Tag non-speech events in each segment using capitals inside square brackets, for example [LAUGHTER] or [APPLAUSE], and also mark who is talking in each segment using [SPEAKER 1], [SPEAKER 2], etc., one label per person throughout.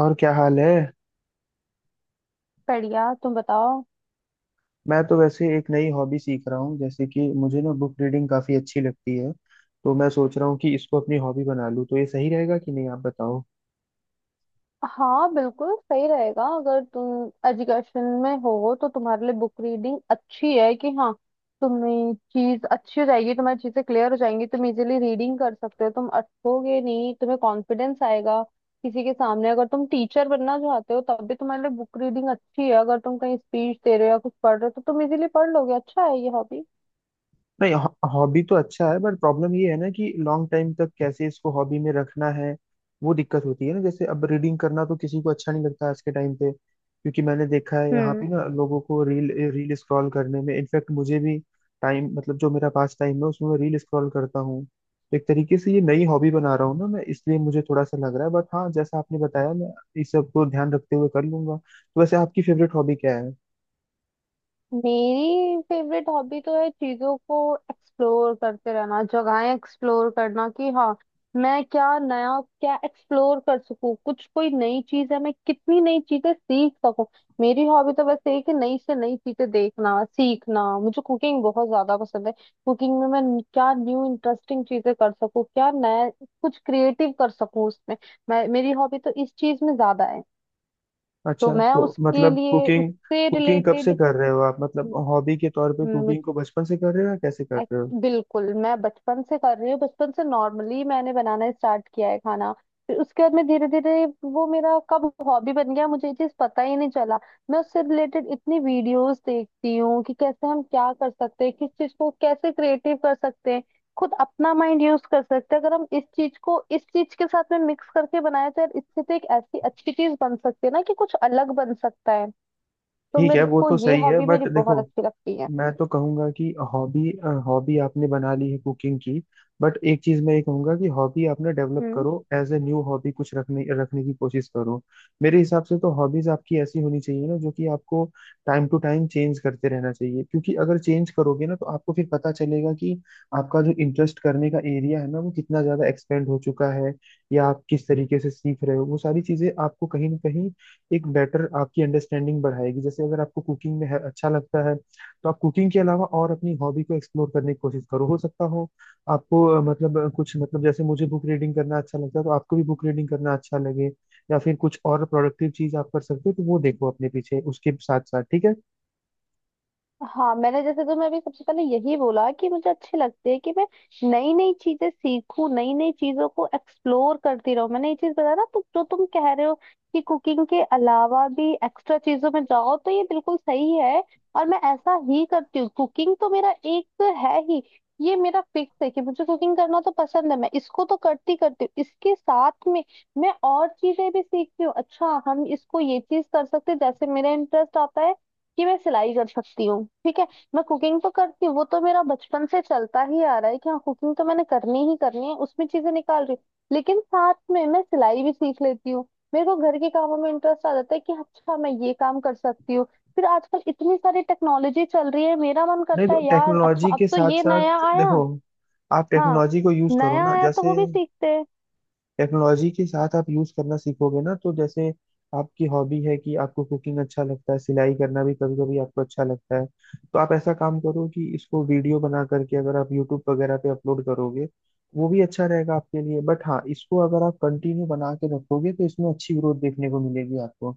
[SPEAKER 1] और क्या हाल है।
[SPEAKER 2] बढ़िया, तुम बताओ।
[SPEAKER 1] मैं तो वैसे एक नई हॉबी सीख रहा हूँ, जैसे कि मुझे ना बुक रीडिंग काफी अच्छी लगती है। तो मैं सोच रहा हूँ कि इसको अपनी हॉबी बना लूँ, तो ये सही रहेगा कि नहीं, आप बताओ।
[SPEAKER 2] हाँ, बिल्कुल सही रहेगा। अगर तुम एजुकेशन में हो तो तुम्हारे लिए बुक रीडिंग अच्छी है कि हाँ, तुम्हें चीज अच्छी हो जाएगी, तुम्हारी चीजें क्लियर हो जाएंगी, तुम इजीली रीडिंग कर सकते हो, तुम अटकोगे नहीं, तुम्हें कॉन्फिडेंस आएगा। किसी के सामने अगर तुम टीचर बनना चाहते हो तब भी तुम्हारे लिए बुक रीडिंग अच्छी है। अगर तुम कहीं स्पीच दे रहे हो या कुछ पढ़ रहे हो तो तुम इजीली पढ़ लोगे। अच्छा है ये हॉबी।
[SPEAKER 1] नहीं, हॉबी तो अच्छा है, बट प्रॉब्लम ये है ना कि लॉन्ग टाइम तक कैसे इसको हॉबी में रखना है। वो दिक्कत होती है ना, जैसे अब रीडिंग करना तो किसी को अच्छा नहीं लगता आज के टाइम पे, क्योंकि मैंने देखा है यहाँ पे ना लोगों को रील रील स्क्रॉल करने में, इनफैक्ट मुझे भी टाइम, मतलब जो मेरा पास टाइम है उसमें मैं रील स्क्रॉल करता हूँ। तो एक तरीके से ये नई हॉबी बना रहा हूँ ना मैं, इसलिए मुझे थोड़ा सा लग रहा है, बट हाँ, जैसा आपने बताया मैं इस सब को ध्यान रखते हुए कर लूंगा। तो वैसे आपकी फेवरेट हॉबी क्या है।
[SPEAKER 2] मेरी फेवरेट हॉबी तो है चीजों को एक्सप्लोर करते रहना, जगहें एक्सप्लोर करना कि हाँ, मैं क्या नया क्या एक्सप्लोर कर सकूं, कुछ कोई नई चीज है, मैं कितनी नई चीजें सीख सकूं। मेरी हॉबी तो बस यही कि नई से नई चीजें देखना सीखना। मुझे कुकिंग बहुत ज्यादा पसंद है। कुकिंग में मैं क्या न्यू इंटरेस्टिंग चीजें कर सकूं, क्या नया कुछ क्रिएटिव कर सकूं उसमें। मैं मेरी हॉबी तो इस चीज में ज्यादा है। तो
[SPEAKER 1] अच्छा,
[SPEAKER 2] मैं
[SPEAKER 1] तो
[SPEAKER 2] उसके
[SPEAKER 1] मतलब
[SPEAKER 2] लिए
[SPEAKER 1] कुकिंग।
[SPEAKER 2] उससे
[SPEAKER 1] कुकिंग कब से
[SPEAKER 2] रिलेटेड
[SPEAKER 1] कर रहे हो आप, मतलब हॉबी के तौर पे
[SPEAKER 2] हम्म,
[SPEAKER 1] कुकिंग को बचपन से कर रहे हो या कैसे कर रहे हो।
[SPEAKER 2] एक- बिल्कुल मैं बचपन से कर रही हूँ। बचपन से नॉर्मली मैंने बनाना स्टार्ट किया है खाना। फिर उसके बाद मैं धीरे धीरे, वो मेरा कब हॉबी बन गया मुझे ये चीज पता ही नहीं चला। मैं उससे रिलेटेड इतनी वीडियोस देखती हूँ कि कैसे हम क्या कर सकते हैं, किस चीज को कैसे क्रिएटिव कर सकते हैं, खुद अपना माइंड यूज कर सकते हैं। अगर हम इस चीज को इस चीज के साथ में मिक्स करके बनाए तो यार इससे तो एक ऐसी अच्छी चीज बन सकती है ना कि कुछ अलग बन सकता है। तो
[SPEAKER 1] ठीक है,
[SPEAKER 2] मेरे
[SPEAKER 1] वो
[SPEAKER 2] को
[SPEAKER 1] तो
[SPEAKER 2] ये
[SPEAKER 1] सही है,
[SPEAKER 2] हॉबी मेरी
[SPEAKER 1] बट
[SPEAKER 2] बहुत
[SPEAKER 1] देखो,
[SPEAKER 2] अच्छी लगती है।
[SPEAKER 1] मैं तो कहूंगा कि हॉबी हॉबी आपने बना ली है कुकिंग की, बट एक चीज मैं ये कहूंगा कि हॉबी आपने डेवलप
[SPEAKER 2] हम्म।
[SPEAKER 1] करो, एज ए न्यू हॉबी कुछ रखने रखने की कोशिश करो। मेरे हिसाब से तो हॉबीज आपकी ऐसी होनी चाहिए ना जो कि आपको टाइम टू टाइम चेंज करते रहना चाहिए, क्योंकि अगर चेंज करोगे ना तो आपको फिर पता चलेगा कि आपका जो इंटरेस्ट करने का एरिया है ना, वो कितना ज्यादा एक्सपेंड हो चुका है, या आप किस तरीके से सीख रहे हो, वो सारी चीजें आपको कहीं ना कहीं एक बेटर आपकी अंडरस्टैंडिंग बढ़ाएगी। जैसे अगर आपको कुकिंग में अच्छा लगता है, तो आप कुकिंग के अलावा और अपनी हॉबी को एक्सप्लोर करने की कोशिश करो। हो सकता हो आपको कुछ, मतलब जैसे मुझे बुक रीडिंग करना अच्छा लगता है, तो आपको भी बुक रीडिंग करना अच्छा लगे, या फिर कुछ और प्रोडक्टिव चीज आप कर सकते हो, तो वो देखो अपने पीछे उसके साथ साथ। ठीक है,
[SPEAKER 2] हाँ, मैंने जैसे तुम्हें अभी सबसे पहले यही बोला कि मुझे अच्छे लगते हैं कि मैं नई नई चीजें सीखूं, नई नई चीजों को एक्सप्लोर करती रहूं। मैंने ये चीज बताया ना, तो जो तुम कह रहे हो कि कुकिंग के अलावा भी एक्स्ट्रा चीजों में जाओ, तो ये बिल्कुल सही है और मैं ऐसा ही करती हूँ। कुकिंग तो मेरा एक है ही। ये मेरा फिक्स है कि मुझे कुकिंग करना तो पसंद है, मैं इसको तो करती करती हूँ। इसके साथ में मैं और चीजें भी सीखती हूँ। अच्छा हम इसको ये चीज कर सकते हैं, जैसे मेरा इंटरेस्ट आता है कि मैं सिलाई कर सकती हूँ। ठीक है। मैं कुकिंग तो करती हूँ, वो तो मेरा बचपन से चलता ही आ रहा है कि हाँ, कुकिंग तो मैंने करनी ही करनी है, उसमें चीजें निकाल रही हूँ। लेकिन साथ में मैं सिलाई भी सीख लेती हूँ। मेरे को घर के कामों में इंटरेस्ट आ जाता है कि अच्छा मैं ये काम कर सकती हूँ। फिर आजकल इतनी सारी टेक्नोलॉजी चल रही है, मेरा मन
[SPEAKER 1] नहीं
[SPEAKER 2] करता
[SPEAKER 1] तो
[SPEAKER 2] है यार अच्छा
[SPEAKER 1] टेक्नोलॉजी
[SPEAKER 2] अब
[SPEAKER 1] के
[SPEAKER 2] तो
[SPEAKER 1] साथ
[SPEAKER 2] ये नया
[SPEAKER 1] साथ
[SPEAKER 2] आया।
[SPEAKER 1] देखो, आप
[SPEAKER 2] हाँ,
[SPEAKER 1] टेक्नोलॉजी को यूज करो
[SPEAKER 2] नया
[SPEAKER 1] ना।
[SPEAKER 2] आया तो वो
[SPEAKER 1] जैसे
[SPEAKER 2] भी सीखते हैं।
[SPEAKER 1] टेक्नोलॉजी के साथ आप यूज करना सीखोगे ना, तो जैसे आपकी हॉबी है कि आपको कुकिंग अच्छा लगता है, सिलाई करना भी कभी कभी आपको अच्छा लगता है, तो आप ऐसा काम करो कि इसको वीडियो बना करके अगर आप यूट्यूब वगैरह पे अपलोड करोगे, वो भी अच्छा रहेगा आपके लिए। बट हाँ, इसको अगर आप कंटिन्यू बना के रखोगे तो इसमें अच्छी ग्रोथ देखने को मिलेगी आपको।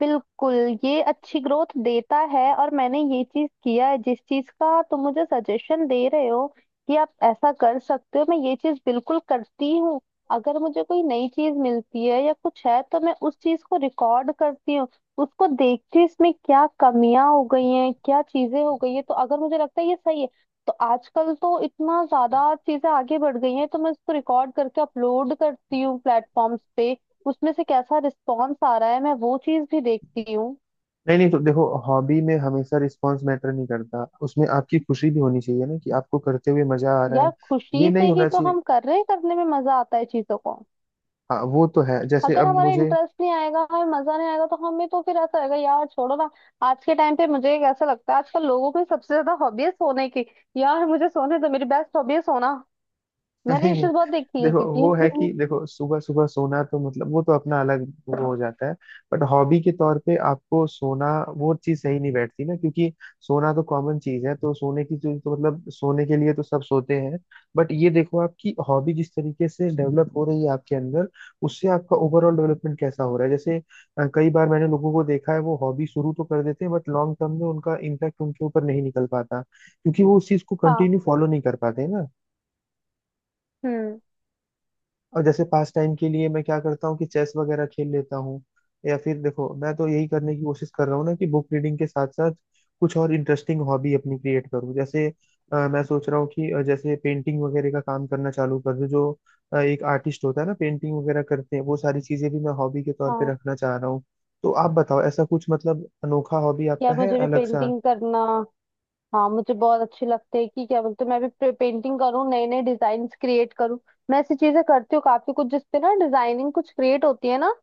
[SPEAKER 2] बिल्कुल, ये अच्छी ग्रोथ देता है और मैंने ये चीज किया है जिस चीज का तुम मुझे सजेशन दे रहे हो कि आप ऐसा कर सकते हो। मैं ये चीज बिल्कुल करती हूँ। अगर मुझे कोई नई चीज मिलती है या कुछ है तो मैं उस चीज को रिकॉर्ड करती हूँ, उसको देखती हूँ इसमें क्या कमियां हो गई हैं, क्या चीजें हो गई है, तो अगर मुझे लगता है ये सही है तो आजकल तो इतना ज्यादा चीजें आगे बढ़ गई हैं, तो मैं उसको रिकॉर्ड करके अपलोड करती हूँ प्लेटफॉर्म्स पे। उसमें से कैसा रिस्पॉन्स आ रहा है मैं वो चीज भी देखती हूँ।
[SPEAKER 1] नहीं नहीं, तो देखो, हॉबी में हमेशा रिस्पॉन्स मैटर नहीं करता, उसमें आपकी खुशी भी होनी चाहिए ना, कि आपको करते हुए मजा आ रहा
[SPEAKER 2] यार
[SPEAKER 1] है, ये
[SPEAKER 2] खुशी से
[SPEAKER 1] नहीं
[SPEAKER 2] ही
[SPEAKER 1] होना
[SPEAKER 2] तो
[SPEAKER 1] चाहिए।
[SPEAKER 2] हम कर रहे हैं, करने में मजा आता है चीजों को।
[SPEAKER 1] हाँ, वो तो है, जैसे
[SPEAKER 2] अगर
[SPEAKER 1] अब
[SPEAKER 2] हमारा
[SPEAKER 1] मुझे।
[SPEAKER 2] इंटरेस्ट नहीं आएगा, हमें मजा नहीं आएगा, तो हमें तो फिर ऐसा रहेगा यार छोड़ो ना। आज के टाइम पे मुझे कैसा लगता है आजकल लोगों की सबसे ज्यादा हॉबी है सोने की। यार मुझे सोने तो मेरी बेस्ट हॉबी है सोना। मैंने
[SPEAKER 1] नहीं
[SPEAKER 2] ये
[SPEAKER 1] नहीं,
[SPEAKER 2] चीज बहुत देखी है
[SPEAKER 1] देखो, वो है
[SPEAKER 2] क्योंकि
[SPEAKER 1] कि देखो, सुबह सुबह सोना तो मतलब वो तो अपना अलग वो हो जाता है, बट हॉबी के तौर पे आपको सोना वो चीज सही नहीं बैठती ना, क्योंकि सोना तो कॉमन चीज है, तो सोने की चीज तो, मतलब सोने के लिए तो सब सोते हैं। बट ये देखो, आपकी हॉबी जिस तरीके से डेवलप हो रही है आपके अंदर, उससे आपका ओवरऑल डेवलपमेंट कैसा हो रहा है। जैसे कई बार मैंने लोगों को देखा है, वो हॉबी शुरू तो कर देते हैं, बट लॉन्ग टर्म में उनका इम्पैक्ट उनके ऊपर नहीं निकल पाता, क्योंकि वो उस चीज को
[SPEAKER 2] [LAUGHS] हाँ।
[SPEAKER 1] कंटिन्यू फॉलो नहीं कर पाते ना।
[SPEAKER 2] हम्म।
[SPEAKER 1] और जैसे पास टाइम के लिए मैं क्या करता हूँ कि चेस वगैरह खेल लेता हूँ, या फिर देखो मैं तो यही करने की कोशिश कर रहा हूँ ना कि बुक रीडिंग के साथ साथ कुछ और इंटरेस्टिंग हॉबी अपनी क्रिएट करूँ। जैसे मैं सोच रहा हूँ कि जैसे पेंटिंग वगैरह का काम करना चालू कर दूँ। जो एक आर्टिस्ट होता है ना, पेंटिंग वगैरह करते हैं, वो सारी चीजें भी मैं हॉबी के तौर पे
[SPEAKER 2] हाँ,
[SPEAKER 1] रखना चाह रहा हूँ। तो आप बताओ, ऐसा कुछ मतलब अनोखा हॉबी आपका
[SPEAKER 2] यार
[SPEAKER 1] है
[SPEAKER 2] मुझे भी
[SPEAKER 1] अलग सा।
[SPEAKER 2] पेंटिंग करना। हाँ, मुझे बहुत अच्छी लगती है कि क्या बोलते हैं, मैं भी पेंटिंग करूँ, नए नए डिजाइन क्रिएट करूँ। मैं ऐसी चीजें करती हूँ काफी कुछ जिसपे ना डिजाइनिंग कुछ क्रिएट होती है ना।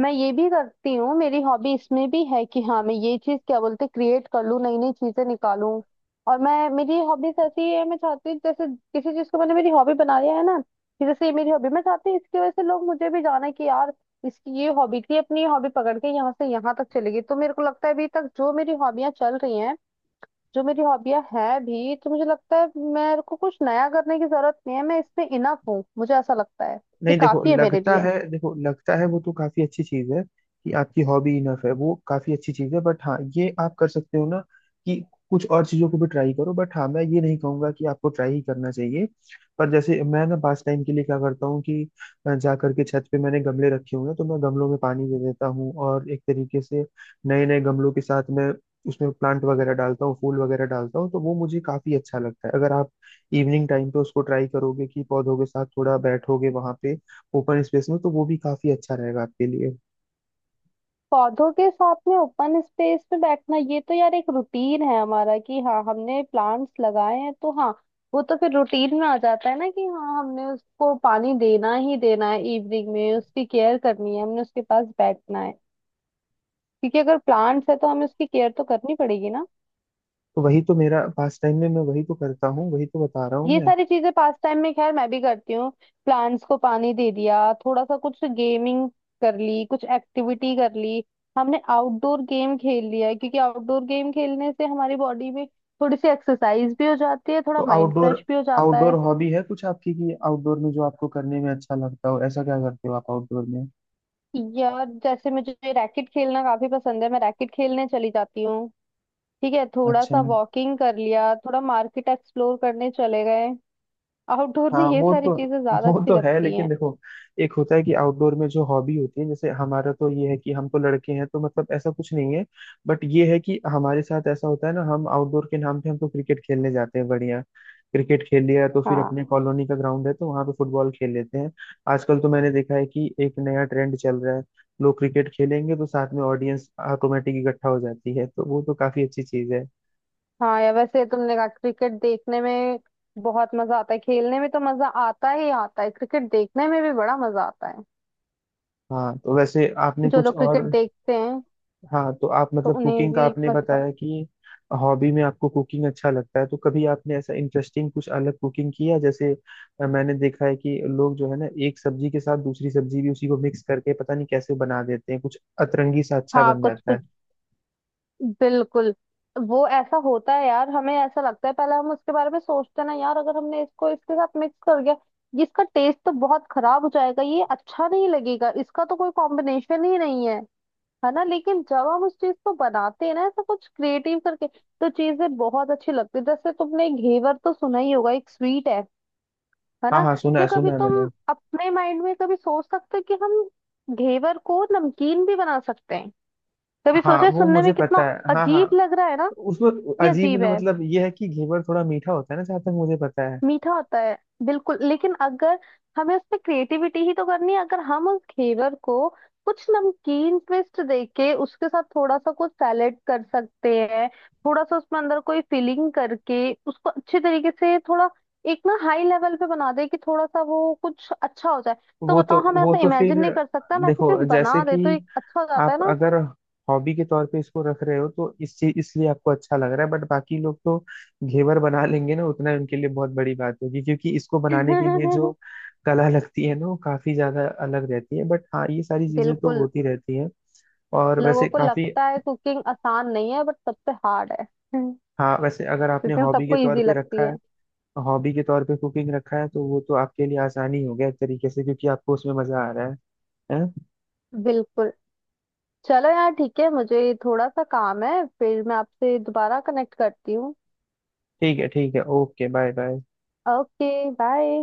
[SPEAKER 2] मैं ये भी करती हूँ। मेरी हॉबी इसमें भी है कि हाँ, मैं ये चीज क्या बोलते हैं क्रिएट कर लूँ, नई नई चीजें निकालूं। और मैं मेरी हॉबीज ऐसी है, मैं चाहती हूँ जैसे किसी चीज को मैंने मेरी हॉबी बना लिया है ना, कि जैसे ये मेरी हॉबी मैं चाहती हूँ इसकी वजह से लोग मुझे भी जाना कि यार इसकी ये हॉबी थी, अपनी हॉबी पकड़ के यहाँ से यहाँ तक चली गई। तो मेरे को लगता है अभी तक जो मेरी हॉबियां चल रही हैं, जो मेरी हॉबियां हैं भी, तो मुझे लगता है मेरे को कुछ नया करने की जरूरत नहीं है, मैं इसमें इनफ हूँ, मुझे ऐसा लगता है कि
[SPEAKER 1] नहीं देखो,
[SPEAKER 2] काफी है मेरे
[SPEAKER 1] लगता
[SPEAKER 2] लिए।
[SPEAKER 1] है, देखो लगता है वो तो काफी अच्छी चीज है कि आपकी हॉबी इनफ है, वो काफी अच्छी चीज है, बट हाँ, ये आप कर सकते हो ना कि कुछ और चीजों को भी ट्राई करो। बट हाँ, मैं ये नहीं कहूंगा कि आपको ट्राई ही करना चाहिए। पर जैसे मैं ना पास टाइम के लिए क्या करता हूँ कि जा करके छत पे मैंने गमले रखे हुए हैं, तो मैं गमलों में पानी दे देता हूँ, और एक तरीके से नए नए गमलों के साथ मैं उसमें प्लांट वगैरह डालता हूँ, फूल वगैरह डालता हूँ, तो वो मुझे काफी अच्छा लगता है। अगर आप इवनिंग टाइम पे उसको ट्राई करोगे कि पौधों के साथ थोड़ा बैठोगे वहां पे ओपन स्पेस में, तो वो भी काफी अच्छा रहेगा आपके लिए।
[SPEAKER 2] पौधों के साथ में ओपन स्पेस में बैठना ये तो यार एक रूटीन है हमारा कि हाँ, हमने प्लांट्स लगाए हैं तो हाँ, वो तो फिर रूटीन में आ जाता है ना कि हाँ, हमने उसको पानी देना ही देना है, इवनिंग में उसकी केयर करनी है, हमने उसके पास बैठना है, क्योंकि अगर प्लांट्स है तो हमें उसकी केयर तो करनी पड़ेगी ना।
[SPEAKER 1] तो वही तो मेरा पास टाइम में, मैं वही तो करता हूँ, वही तो बता रहा हूँ
[SPEAKER 2] ये
[SPEAKER 1] मैं।
[SPEAKER 2] सारी चीजें पास टाइम में खैर मैं भी करती हूँ। प्लांट्स को पानी दे दिया, थोड़ा सा कुछ गेमिंग कर ली, कुछ एक्टिविटी कर ली, हमने आउटडोर गेम खेल लिया है, क्योंकि आउटडोर गेम खेलने से हमारी बॉडी में थोड़ी सी एक्सरसाइज भी हो जाती है, थोड़ा
[SPEAKER 1] तो
[SPEAKER 2] माइंड
[SPEAKER 1] आउटडोर
[SPEAKER 2] फ्रेश भी हो जाता
[SPEAKER 1] आउटडोर
[SPEAKER 2] है।
[SPEAKER 1] हॉबी है कुछ आपकी, कि आउटडोर में जो आपको करने में अच्छा लगता हो, ऐसा क्या करते हो आप आउटडोर में।
[SPEAKER 2] यार जैसे मुझे रैकेट खेलना काफी पसंद है, मैं रैकेट खेलने चली जाती हूँ। ठीक है, थोड़ा
[SPEAKER 1] अच्छा।
[SPEAKER 2] सा वॉकिंग कर लिया, थोड़ा मार्केट एक्सप्लोर करने चले गए। आउटडोर में
[SPEAKER 1] हाँ,
[SPEAKER 2] ये सारी चीजें ज्यादा
[SPEAKER 1] वो
[SPEAKER 2] अच्छी
[SPEAKER 1] तो है,
[SPEAKER 2] लगती हैं।
[SPEAKER 1] लेकिन देखो, एक होता है कि आउटडोर में जो हॉबी होती है, जैसे हमारा तो ये है कि हम तो लड़के हैं, तो मतलब ऐसा कुछ नहीं है, बट ये है कि हमारे साथ ऐसा होता है ना, हम आउटडोर के नाम पे हम तो क्रिकेट खेलने जाते हैं, बढ़िया। क्रिकेट खेल लिया तो फिर
[SPEAKER 2] हाँ।
[SPEAKER 1] अपने कॉलोनी का ग्राउंड है, तो वहां पे फुटबॉल खेल लेते हैं। आजकल तो मैंने देखा है कि एक नया ट्रेंड चल रहा है, लोग क्रिकेट खेलेंगे तो साथ में ऑडियंस ऑटोमेटिक इकट्ठा हो जाती है, तो वो तो काफी अच्छी चीज है।
[SPEAKER 2] हाँ यार, वैसे तुमने कहा क्रिकेट देखने में बहुत मजा आता है। खेलने में तो मजा आता ही आता है, क्रिकेट देखने में भी बड़ा मजा आता है।
[SPEAKER 1] हाँ तो वैसे आपने
[SPEAKER 2] जो
[SPEAKER 1] कुछ
[SPEAKER 2] लोग
[SPEAKER 1] और।
[SPEAKER 2] क्रिकेट देखते हैं
[SPEAKER 1] हाँ तो आप,
[SPEAKER 2] तो
[SPEAKER 1] मतलब
[SPEAKER 2] उन्हें
[SPEAKER 1] कुकिंग का
[SPEAKER 2] भी
[SPEAKER 1] आपने
[SPEAKER 2] मजा।
[SPEAKER 1] बताया कि हॉबी में आपको कुकिंग अच्छा लगता है, तो कभी आपने ऐसा इंटरेस्टिंग कुछ अलग कुकिंग किया, जैसे मैंने देखा है कि लोग जो है ना एक सब्जी के साथ दूसरी सब्जी भी उसी को मिक्स करके पता नहीं कैसे बना देते हैं, कुछ अतरंगी सा अच्छा
[SPEAKER 2] हाँ,
[SPEAKER 1] बन
[SPEAKER 2] कुछ
[SPEAKER 1] जाता है।
[SPEAKER 2] कुछ बिल्कुल वो ऐसा होता है। यार, हमें ऐसा लगता है पहले हम उसके बारे में सोचते हैं ना, यार अगर हमने इसको इसके साथ मिक्स कर गया, ये इसका टेस्ट तो बहुत खराब हो जाएगा, ये अच्छा नहीं लगेगा, इसका तो कोई कॉम्बिनेशन ही नहीं है, है ना। लेकिन जब हम उस चीज को बनाते हैं ना ऐसा कुछ क्रिएटिव करके, तो चीजें बहुत अच्छी लगती है। जैसे तुमने घेवर तो सुना ही होगा, एक स्वीट है
[SPEAKER 1] हाँ
[SPEAKER 2] ना?
[SPEAKER 1] हाँ, सुना
[SPEAKER 2] क्या
[SPEAKER 1] है, सुना
[SPEAKER 2] कभी
[SPEAKER 1] है
[SPEAKER 2] तुम
[SPEAKER 1] मैंने।
[SPEAKER 2] अपने माइंड में कभी सोच सकते हो कि हम घेवर को नमकीन भी बना सकते हैं? कभी
[SPEAKER 1] हाँ,
[SPEAKER 2] सोचा है?
[SPEAKER 1] वो
[SPEAKER 2] सुनने में
[SPEAKER 1] मुझे पता
[SPEAKER 2] कितना
[SPEAKER 1] है, हाँ हाँ।
[SPEAKER 2] अजीब लग रहा है ना
[SPEAKER 1] उसमें
[SPEAKER 2] कि
[SPEAKER 1] अजीब
[SPEAKER 2] अजीब है।
[SPEAKER 1] मतलब ये है कि घेवर थोड़ा मीठा होता है ना, जहाँ तक मुझे पता है।
[SPEAKER 2] मीठा होता है बिल्कुल, लेकिन अगर हमें उसमें क्रिएटिविटी ही तो करनी है, अगर हम उस घेवर को कुछ नमकीन ट्विस्ट देके उसके साथ थोड़ा सा कुछ सैलेड कर सकते हैं, थोड़ा सा उसमें अंदर कोई फिलिंग करके उसको अच्छे तरीके से थोड़ा एक ना हाई लेवल पे बना दे कि थोड़ा सा वो कुछ अच्छा हो जाए। तो बताओ, हम
[SPEAKER 1] वो
[SPEAKER 2] ऐसा
[SPEAKER 1] तो फिर
[SPEAKER 2] इमेजिन नहीं कर सकता हम ऐसी
[SPEAKER 1] देखो,
[SPEAKER 2] चीज
[SPEAKER 1] जैसे
[SPEAKER 2] बना
[SPEAKER 1] कि
[SPEAKER 2] दे तो एक अच्छा हो जाता है
[SPEAKER 1] आप
[SPEAKER 2] ना?
[SPEAKER 1] अगर हॉबी के तौर पे इसको रख रहे हो, तो इस चीज इसलिए आपको अच्छा लग रहा है, बट बाकी लोग तो घेवर बना लेंगे ना, उतना ही उनके लिए बहुत बड़ी बात होगी, क्योंकि इसको बनाने के लिए जो
[SPEAKER 2] [LAUGHS]
[SPEAKER 1] कला लगती है ना, वो काफी ज्यादा अलग रहती है। बट हाँ, ये सारी चीजें तो
[SPEAKER 2] बिल्कुल।
[SPEAKER 1] होती रहती हैं। और
[SPEAKER 2] लोगों
[SPEAKER 1] वैसे
[SPEAKER 2] को
[SPEAKER 1] काफी।
[SPEAKER 2] लगता है कुकिंग आसान नहीं है बट सबसे हार्ड है,
[SPEAKER 1] हाँ, वैसे अगर आपने
[SPEAKER 2] लेकिन
[SPEAKER 1] हॉबी के
[SPEAKER 2] सबको
[SPEAKER 1] तौर
[SPEAKER 2] इजी
[SPEAKER 1] पे
[SPEAKER 2] लगती
[SPEAKER 1] रखा
[SPEAKER 2] है।
[SPEAKER 1] है, हॉबी के तौर पे कुकिंग रखा है, तो वो तो आपके लिए आसानी हो गया एक तरीके से, क्योंकि आपको उसमें मजा आ रहा है। हैं?
[SPEAKER 2] बिल्कुल। चलो यार ठीक है, मुझे थोड़ा सा काम है, फिर मैं आपसे दोबारा कनेक्ट करती हूँ।
[SPEAKER 1] ठीक है, ठीक है, okay, bye bye.
[SPEAKER 2] Okay bye.